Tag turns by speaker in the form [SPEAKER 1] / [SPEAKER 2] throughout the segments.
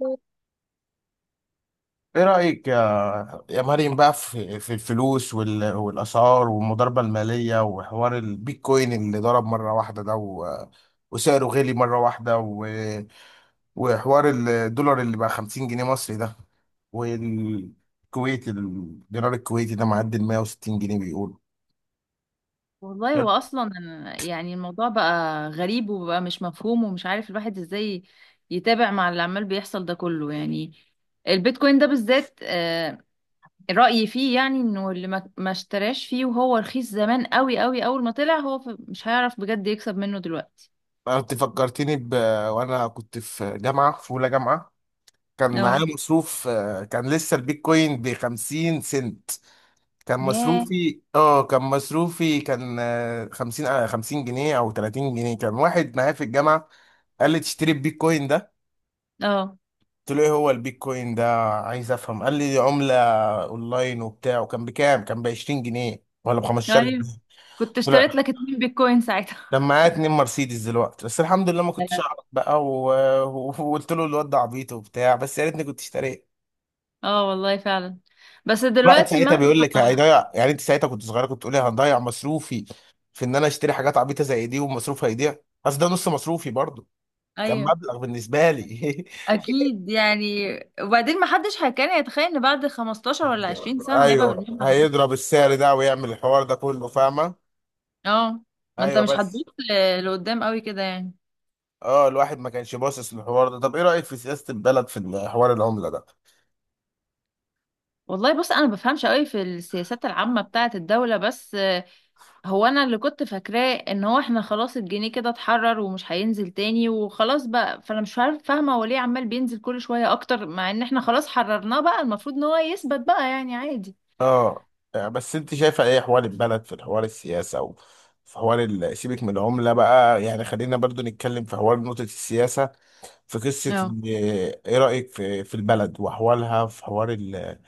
[SPEAKER 1] ايه رأيك يا مريم بقى في الفلوس والأسعار والمضاربة المالية وحوار البيتكوين اللي ضرب مرة واحدة ده، وسعره غلي مرة واحدة، وحوار الدولار اللي بقى 50 جنيه مصري ده، والكويت الدينار الكويتي ده معدي ال 160 جنيه بيقول.
[SPEAKER 2] والله هو اصلا يعني الموضوع بقى غريب وبقى مش مفهوم ومش عارف الواحد ازاي يتابع مع اللي عمال بيحصل ده كله يعني. البيتكوين ده بالذات، رأيي فيه يعني انه اللي ما اشتراش فيه وهو رخيص زمان قوي قوي اول ما طلع، هو مش هيعرف بجد يكسب منه دلوقتي.
[SPEAKER 1] انت فكرتني وانا كنت في اولى جامعة. كان معايا
[SPEAKER 2] اه.
[SPEAKER 1] مصروف، كان لسه البيتكوين ب 50 سنت.
[SPEAKER 2] ياه.
[SPEAKER 1] كان مصروفي كان 50 جنيه أو 30 جنيه. كان واحد معايا في الجامعة قال لي تشتري البيتكوين ده.
[SPEAKER 2] اه.
[SPEAKER 1] قلت له ايه هو البيتكوين ده، عايز افهم. قال لي عملة اونلاين وبتاع، وكان بكام؟ كان ب 20 جنيه ولا ب 15 جنيه.
[SPEAKER 2] ايوه،
[SPEAKER 1] قلت
[SPEAKER 2] كنت
[SPEAKER 1] له
[SPEAKER 2] اشتريت
[SPEAKER 1] لا.
[SPEAKER 2] لك 2 بيتكوين ساعتها.
[SPEAKER 1] كان معايا اتنين مرسيدس دلوقتي، بس الحمد لله ما كنتش
[SPEAKER 2] لا.
[SPEAKER 1] اعرف بقى، وقلت له الواد ده عبيط وبتاع، بس يا ريتني كنت اشتريت.
[SPEAKER 2] اه، والله فعلا. بس
[SPEAKER 1] الواحد
[SPEAKER 2] دلوقتي
[SPEAKER 1] ساعتها
[SPEAKER 2] مهما...
[SPEAKER 1] بيقول لك هيضيع، يعني انت ساعتها كنت صغيره كنت تقولي هنضيع مصروفي في ان انا اشتري حاجات عبيطه زي دي ومصروف هيضيع. بس ده نص مصروفي برضو، كان
[SPEAKER 2] ايوه.
[SPEAKER 1] مبلغ بالنسبه لي.
[SPEAKER 2] اكيد يعني. وبعدين ما حدش كان يتخيل ان بعد 15 ولا 20 سنه هيبقى
[SPEAKER 1] ايوه،
[SPEAKER 2] بالمبلغ ده.
[SPEAKER 1] هيضرب السعر ده ويعمل الحوار ده كله، فاهمه؟
[SPEAKER 2] اه. ما انت
[SPEAKER 1] ايوه
[SPEAKER 2] مش
[SPEAKER 1] بس.
[SPEAKER 2] هتبص لقدام قوي كده يعني.
[SPEAKER 1] اه الواحد ما كانش باصص للحوار ده. طب ايه رايك في سياسه البلد، في حوار العمله ده؟
[SPEAKER 2] والله بص، انا ما بفهمش قوي في السياسات العامه بتاعه الدوله، بس هو انا اللي كنت فاكراه ان هو احنا خلاص الجنيه كده اتحرر ومش هينزل تاني وخلاص بقى، فانا مش عارف- فاهمه هو ليه عمال بينزل كل شويه اكتر مع ان احنا خلاص حررناه. بقى المفروض ان هو يثبت بقى يعني عادي.
[SPEAKER 1] اه يعني بس انت شايفه ايه حوار البلد، في الحوار السياسه، او في حوار سيبك من العمله بقى، يعني خلينا برضو نتكلم في حوار نقطه السياسه، في قصة
[SPEAKER 2] اه.
[SPEAKER 1] إيه رأيك في البلد وأحوالها، في حوار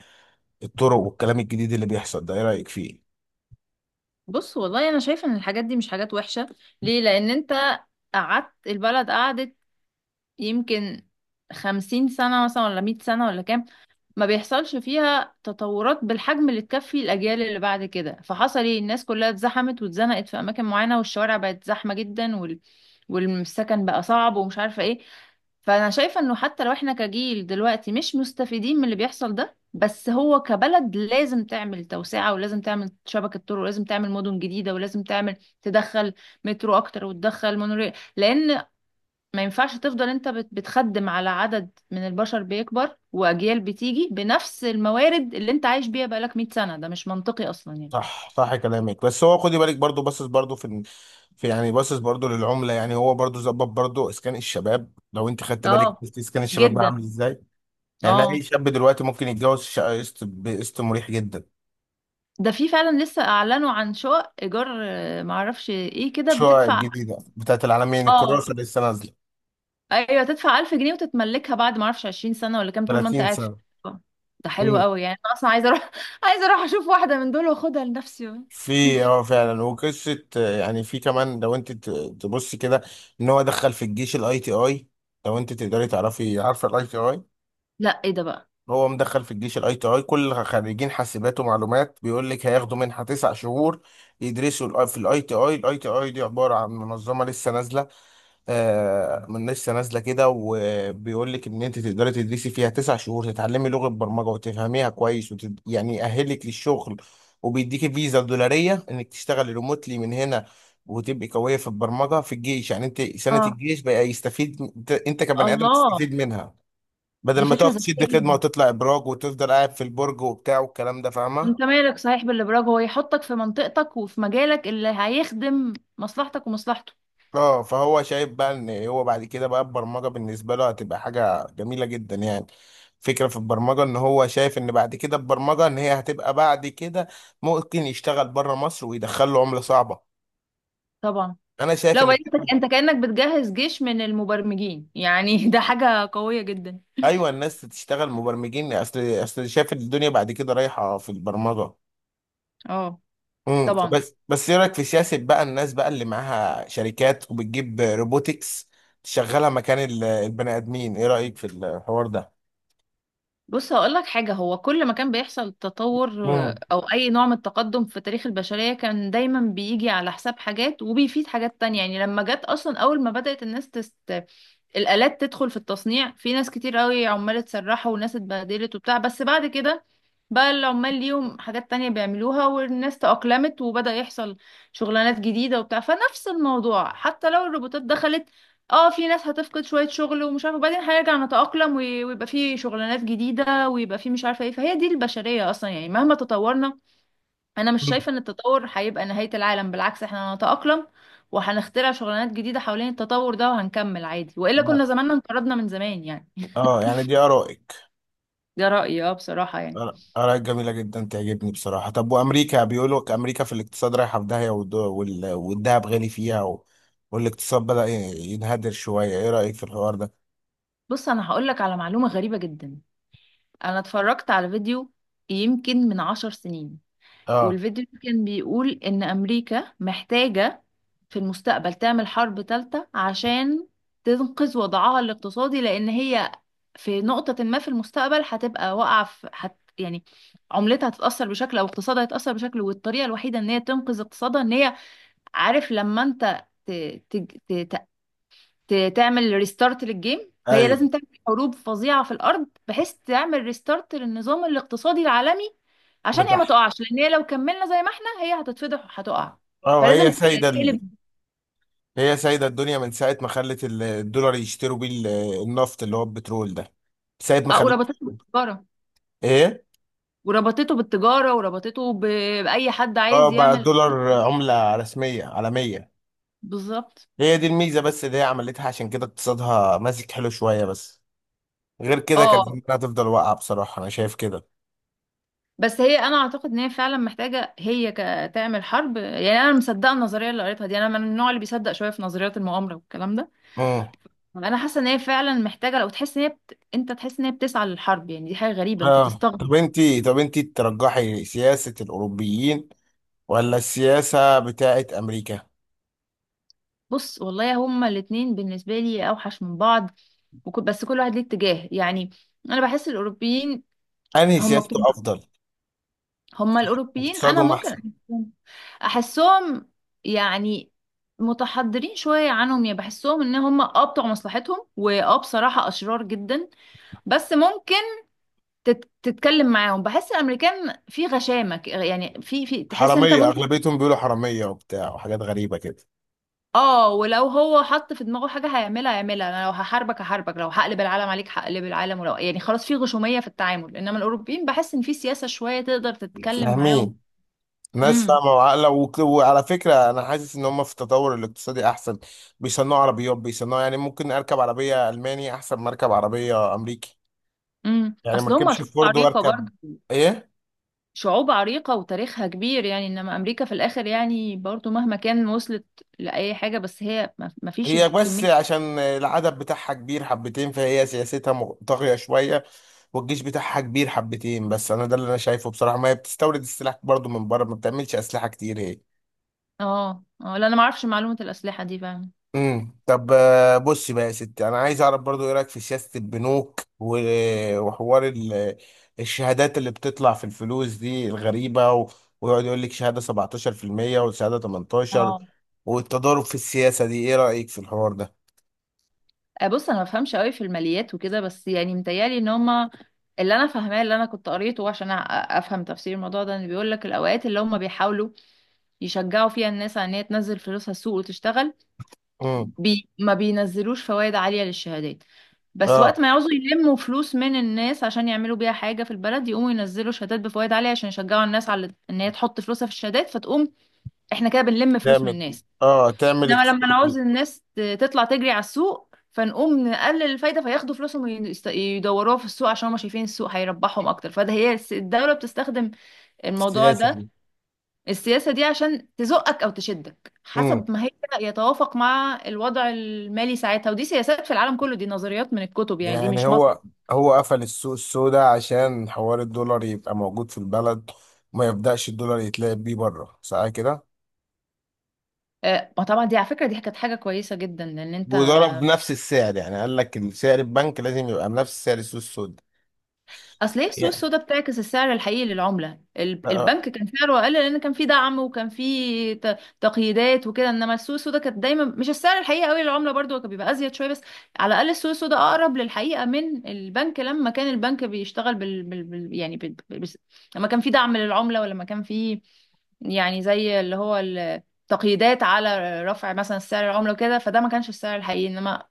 [SPEAKER 1] الطرق والكلام الجديد اللي بيحصل ده، إيه رأيك فيه؟
[SPEAKER 2] بص، والله انا شايفه ان الحاجات دي مش حاجات وحشه. ليه؟ لان انت قعدت البلد، قعدت يمكن 50 سنه مثلا ولا 100 سنه ولا كام، ما بيحصلش فيها تطورات بالحجم اللي تكفي الاجيال اللي بعد كده. فحصل ايه؟ الناس كلها اتزحمت واتزنقت في اماكن معينه والشوارع بقت زحمه جدا والسكن بقى صعب ومش عارفه ايه. فانا شايفه انه حتى لو احنا كجيل دلوقتي مش مستفيدين من اللي بيحصل ده، بس هو كبلد لازم تعمل توسعه، ولازم تعمل شبكه طرق، ولازم تعمل مدن جديده، ولازم تعمل تدخل مترو اكتر وتدخل مونوريل، لان ما ينفعش تفضل انت بتخدم على عدد من البشر بيكبر واجيال بتيجي بنفس الموارد اللي انت عايش بيها بقالك 100 سنه. ده مش منطقي اصلا يعني.
[SPEAKER 1] صح صح كلامك، بس هو خدي بالك برضو باصص برضو في، يعني باصص برضو للعملة، يعني هو برضو ظبط برضو إسكان الشباب. لو أنت خدت بالك،
[SPEAKER 2] اه.
[SPEAKER 1] شفت إسكان الشباب بقى
[SPEAKER 2] جدا.
[SPEAKER 1] عامل إزاي؟ يعني أي
[SPEAKER 2] اه،
[SPEAKER 1] شاب دلوقتي ممكن يتجوز شقة قسط بقسط مريح جدا.
[SPEAKER 2] ده في فعلا لسه اعلنوا عن شقق ايجار، معرفش ايه كده
[SPEAKER 1] الشقق
[SPEAKER 2] بتدفع.
[SPEAKER 1] الجديدة بتاعت العالمين،
[SPEAKER 2] اه.
[SPEAKER 1] الكراسة لسه نازلة.
[SPEAKER 2] ايوه، تدفع 1000 جنيه وتتملكها بعد، ما اعرفش، 20 سنه ولا كام، طول ما انت
[SPEAKER 1] 30
[SPEAKER 2] قاعد في
[SPEAKER 1] سنة.
[SPEAKER 2] الشقة. ده حلو
[SPEAKER 1] إمم.
[SPEAKER 2] قوي يعني. انا اصلا عايزه اروح عايزه اروح اشوف واحده من دول واخدها لنفسي.
[SPEAKER 1] في، فعلا، وقصه، يعني في كمان لو انت تبصي كده ان هو دخل في الجيش الاي تي اي. لو انت تقدري تعرفي، عارفه الاي تي اي؟
[SPEAKER 2] لا. ايه ده بقى؟
[SPEAKER 1] هو مدخل في الجيش الاي تي اي، كل خريجين حاسبات ومعلومات بيقول لك هياخدوا منحه 9 شهور يدرسوا في الاي تي اي. الاي تي اي دي عباره عن منظمه لسه نازله، من لسه نازله كده، وبيقول لك ان انت تقدري تدرسي فيها 9 شهور تتعلمي لغه برمجه وتفهميها كويس، يعني يأهلك للشغل، وبيديكي فيزا دولاريه انك تشتغلي ريموتلي من هنا، وتبقي قويه في البرمجه في الجيش. يعني انت سنه
[SPEAKER 2] اه.
[SPEAKER 1] الجيش بقى يستفيد، إنت كبني ادم
[SPEAKER 2] الله.
[SPEAKER 1] تستفيد منها، بدل
[SPEAKER 2] دي
[SPEAKER 1] ما
[SPEAKER 2] فكره
[SPEAKER 1] تقف
[SPEAKER 2] ذكيه
[SPEAKER 1] تشد خدمه
[SPEAKER 2] جدا.
[SPEAKER 1] وتطلع ابراج وتفضل قاعد في البرج وبتاع والكلام ده، فاهمه؟
[SPEAKER 2] انت مالك صحيح بالابراج؟ هو يحطك في منطقتك وفي مجالك اللي هيخدم مصلحتك ومصلحته.
[SPEAKER 1] اه فهو شايف بقى ان هو بعد كده بقى البرمجه بالنسبه له هتبقى حاجه جميله جدا، يعني فكره في البرمجه، ان هو شايف ان بعد كده البرمجه ان هي هتبقى بعد كده ممكن يشتغل بره مصر ويدخل له عمله صعبه.
[SPEAKER 2] طبعا.
[SPEAKER 1] انا شايف
[SPEAKER 2] لو
[SPEAKER 1] ان،
[SPEAKER 2] بقيت انت كانك بتجهز جيش من المبرمجين يعني ده حاجه قويه جدا.
[SPEAKER 1] ايوه، الناس تشتغل مبرمجين، اصل شايف الدنيا بعد كده رايحه في البرمجه.
[SPEAKER 2] اه. طبعا.
[SPEAKER 1] بس ايه رايك في سياسه بقى الناس بقى اللي معاها شركات وبتجيب روبوتكس تشغلها مكان البني ادمين، ايه رايك في الحوار ده؟
[SPEAKER 2] بص هقول لك حاجة، هو كل ما كان بيحصل تطور، أو أي نوع من التقدم في تاريخ البشرية، كان دايما بيجي على حساب حاجات وبيفيد حاجات تانية. يعني لما جت أصلا، أول ما بدأت الناس الآلات تدخل في التصنيع، في ناس كتير قوي عمال اتسرحوا وناس اتبهدلت وبتاع، بس بعد كده بقى العمال ليهم حاجات تانية بيعملوها، والناس تأقلمت وبدأ يحصل شغلانات جديدة وبتاع. فنفس الموضوع، حتى لو الروبوتات دخلت، اه، في ناس هتفقد شوية شغل ومش عارفة، وبعدين هيرجع نتأقلم ويبقى في شغلانات جديدة، ويبقى في مش عارفة ايه. فهي دي البشرية أصلا يعني، مهما تطورنا، أنا مش شايفة إن التطور هيبقى نهاية العالم. بالعكس، احنا هنتأقلم وهنخترع شغلانات جديدة حوالين التطور ده وهنكمل عادي، وإلا
[SPEAKER 1] مم.
[SPEAKER 2] كنا زماننا انقرضنا من زمان يعني.
[SPEAKER 1] اه يعني دي ارائك.
[SPEAKER 2] ده رأيي، اه، بصراحة يعني.
[SPEAKER 1] ارائك جميله جدا، تعجبني بصراحه. طب وامريكا، بيقولوا لك امريكا في الاقتصاد رايحه في داهيه، والدهب غالي فيها، والاقتصاد بدا ينهدر شويه، ايه رايك في الحوار ده؟
[SPEAKER 2] بص أنا هقولك على معلومة غريبة جدا. انا اتفرجت على فيديو يمكن من 10 سنين،
[SPEAKER 1] اه
[SPEAKER 2] والفيديو ده كان بيقول ان امريكا محتاجة في المستقبل تعمل حرب ثالثة عشان تنقذ وضعها الاقتصادي، لان هي في نقطة ما في المستقبل هتبقى واقعة، في يعني عملتها هتتأثر بشكل او اقتصادها هيتأثر بشكل، والطريقة الوحيدة ان هي تنقذ اقتصادها ان هي، عارف، لما انت ت... ت... تعمل ريستارت للجيم، فهي
[SPEAKER 1] ايوه.
[SPEAKER 2] لازم تعمل حروب فظيعة في الأرض بحيث تعمل ريستارت للنظام الاقتصادي العالمي عشان هي
[SPEAKER 1] بتاع.
[SPEAKER 2] ما تقعش. لأن هي لو كملنا زي ما احنا هي هتتفضح وهتقع،
[SPEAKER 1] اه هي
[SPEAKER 2] فلازم
[SPEAKER 1] سايده
[SPEAKER 2] تقلب.
[SPEAKER 1] هي سايده الدنيا من ساعه ما خلت الدولار يشتروا بيه النفط اللي هو البترول ده. ساعه ما
[SPEAKER 2] اه،
[SPEAKER 1] خلت.
[SPEAKER 2] وربطته بالتجارة
[SPEAKER 1] ايه.
[SPEAKER 2] وربطته بالتجارة وربطته بأي حد
[SPEAKER 1] اه
[SPEAKER 2] عايز
[SPEAKER 1] بقى
[SPEAKER 2] يعمل.
[SPEAKER 1] الدولار عمله رسميه عالميه.
[SPEAKER 2] بالظبط.
[SPEAKER 1] هي دي الميزه بس، اللي هي عملتها، عشان كده اقتصادها ماسك حلو شويه، بس غير كده كانت
[SPEAKER 2] اه،
[SPEAKER 1] الدنيا هتفضل واقعة، بصراحة أنا شايف كده.
[SPEAKER 2] بس هي انا اعتقد ان هي فعلا محتاجه هي تعمل حرب يعني. انا مصدقه النظريه اللي قريتها دي، انا من النوع اللي بيصدق شويه في نظريات المؤامره والكلام ده.
[SPEAKER 1] اه.
[SPEAKER 2] انا حاسه ان هي فعلا محتاجه، لو تحس ان هي انت تحس ان هي بتسعى للحرب يعني، دي حاجه غريبه، انت تستغرب.
[SPEAKER 1] طب أنتي ترجحي سياسة الأوروبيين ولا السياسة بتاعت أمريكا؟
[SPEAKER 2] بص والله هما الاتنين بالنسبه لي اوحش من بعض، بس كل واحد ليه اتجاه يعني. انا بحس الاوروبيين
[SPEAKER 1] أنهي
[SPEAKER 2] هما بتوع
[SPEAKER 1] سياسته أفضل؟
[SPEAKER 2] هما الاوروبيين، انا
[SPEAKER 1] واقتصادهم
[SPEAKER 2] ممكن
[SPEAKER 1] أحسن؟
[SPEAKER 2] احسهم يعني متحضرين شويه عنهم. يعني بحسهم ان هما، اه، بتوع مصلحتهم، واه، بصراحه اشرار جدا، بس ممكن تتكلم معاهم. بحس الامريكان في غشامه، يعني في تحس انت
[SPEAKER 1] حرامية،
[SPEAKER 2] ممكن،
[SPEAKER 1] أغلبيتهم بيقولوا حرامية وبتاع وحاجات غريبة كده.
[SPEAKER 2] اه، ولو هو حط في دماغه حاجة هيعملها هيعملها. انا لو هحاربك هحاربك، لو هقلب العالم عليك هقلب العالم، ولو يعني خلاص في غشومية في التعامل. انما الاوروبيين بحس ان في سياسة شوية تقدر تتكلم معاهم.
[SPEAKER 1] فاهمين، ناس
[SPEAKER 2] امم.
[SPEAKER 1] فاهمة وعاقلة، وعلى فكرة أنا حاسس إن هم في التطور الاقتصادي أحسن. بيصنعوا عربيات بيصنعوا، يعني ممكن أركب عربية ألماني أحسن ما أركب عربية أمريكي، يعني ما
[SPEAKER 2] اصل هم
[SPEAKER 1] أركبش
[SPEAKER 2] شعوب
[SPEAKER 1] فورد،
[SPEAKER 2] عريقة
[SPEAKER 1] وأركب
[SPEAKER 2] برضه.
[SPEAKER 1] إيه؟
[SPEAKER 2] شعوب عريقة وتاريخها كبير يعني، انما امريكا في الاخر يعني، برضه مهما كان وصلت لأي حاجة، بس هي ما فيش
[SPEAKER 1] هي بس
[SPEAKER 2] الكمية.
[SPEAKER 1] عشان العدد بتاعها كبير حبتين، فهي سياستها طاغية شوية، والجيش بتاعها كبير حبتين. بس انا ده اللي انا شايفه بصراحة، ما هي بتستورد السلاح برضو من بره، ما بتعملش اسلحة كتير هي.
[SPEAKER 2] اه، اه، لا، انا ما اعرفش معلومة الأسلحة دي فعلا.
[SPEAKER 1] طب، بصي بقى يا ستي، انا عايز اعرف برضو، ايه رايك في سياسة البنوك وحوار الشهادات اللي بتطلع في الفلوس دي الغريبة، ويقعد يقول لك شهادة 17% وشهادة 18،
[SPEAKER 2] اه،
[SPEAKER 1] والتضارب في السياسة دي، ايه رايك في الحوار ده؟
[SPEAKER 2] بص، انا ما بفهمش قوي في الماليات وكده، بس يعني متهيألي ان هما، اللي انا فاهماه، اللي انا كنت قريته عشان افهم تفسير الموضوع ده، ان بيقول لك الاوقات اللي هما بيحاولوا يشجعوا فيها الناس على ان هي تنزل فلوسها السوق وتشتغل
[SPEAKER 1] امم.
[SPEAKER 2] ما بينزلوش فوائد عالية للشهادات، بس
[SPEAKER 1] اه
[SPEAKER 2] وقت ما يعوزوا يلموا فلوس من الناس عشان يعملوا بيها حاجة في البلد يقوموا ينزلوا شهادات بفوائد عالية عشان يشجعوا الناس على ان هي تحط فلوسها في الشهادات، فتقوم احنا كده بنلم فلوس من
[SPEAKER 1] تعمل
[SPEAKER 2] الناس.
[SPEAKER 1] اه تعمل
[SPEAKER 2] انما لما
[SPEAKER 1] اقتصاد.
[SPEAKER 2] نعوز الناس تطلع تجري على السوق فنقوم نقلل الفايده فياخدوا فلوسهم يدوروها في السوق عشان هما شايفين السوق هيربحهم اكتر. فده هي الدوله بتستخدم الموضوع
[SPEAKER 1] سياسة
[SPEAKER 2] ده،
[SPEAKER 1] دي.
[SPEAKER 2] السياسه دي، عشان تزقك او تشدك
[SPEAKER 1] امم.
[SPEAKER 2] حسب ما هي يتوافق مع الوضع المالي ساعتها. ودي سياسات في العالم كله، دي نظريات من الكتب يعني، دي
[SPEAKER 1] يعني
[SPEAKER 2] مش مصر.
[SPEAKER 1] هو قفل السوق السوداء عشان حوار الدولار يبقى موجود في البلد وما يبدأش الدولار يتلعب بيه بره، صح كده؟
[SPEAKER 2] ما طبعا دي، على فكره، دي كانت حاجه كويسه جدا، لان انت
[SPEAKER 1] وضرب نفس السعر، يعني قال لك سعر البنك لازم يبقى بنفس سعر السوق السوداء،
[SPEAKER 2] اصل هي السوق
[SPEAKER 1] يعني.
[SPEAKER 2] السوداء بتعكس السعر الحقيقي للعمله.
[SPEAKER 1] آه.
[SPEAKER 2] البنك كان سعره اقل لان كان في دعم وكان في تقييدات وكده، انما السوق السوداء كانت دايما مش السعر الحقيقي قوي للعمله، برضو هو كان بيبقى ازيد شويه بس. على الاقل السوق السوداء اقرب للحقيقه من البنك، لما كان البنك بيشتغل بال, بال... بال... يعني بال... بال... بس- لما كان في دعم للعمله، ولما كان في، يعني، زي اللي هو تقييدات على رفع مثلا سعر العمله وكده، فده ما كانش السعر الحقيقي. انما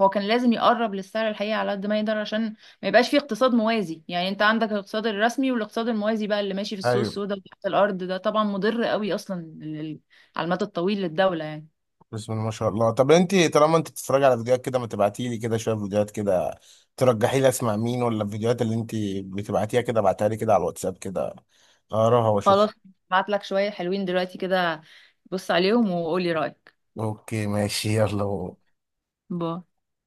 [SPEAKER 2] هو كان لازم يقرب للسعر الحقيقي على قد ما يقدر عشان ما يبقاش في اقتصاد موازي. يعني انت عندك الاقتصاد الرسمي والاقتصاد الموازي بقى اللي ماشي في السوق
[SPEAKER 1] ايوه.
[SPEAKER 2] السوداء وتحت الارض، ده طبعا مضر قوي اصلا على المدى الطويل للدولة يعني.
[SPEAKER 1] بسم الله ما شاء الله. طب انت، طالما انت بتتفرج على فيديوهات كده، ما تبعتي لي كده شويه فيديوهات كده، ترجحي لي اسمع مين؟ ولا الفيديوهات اللي انت بتبعتيها كده ابعتها لي كده على الواتساب كده اقراها واشوفها.
[SPEAKER 2] خلاص. بعت لك شوية حلوين دلوقتي كده، بص عليهم وقولي رأيك.
[SPEAKER 1] اوكي، ماشي، يلا.
[SPEAKER 2] باي.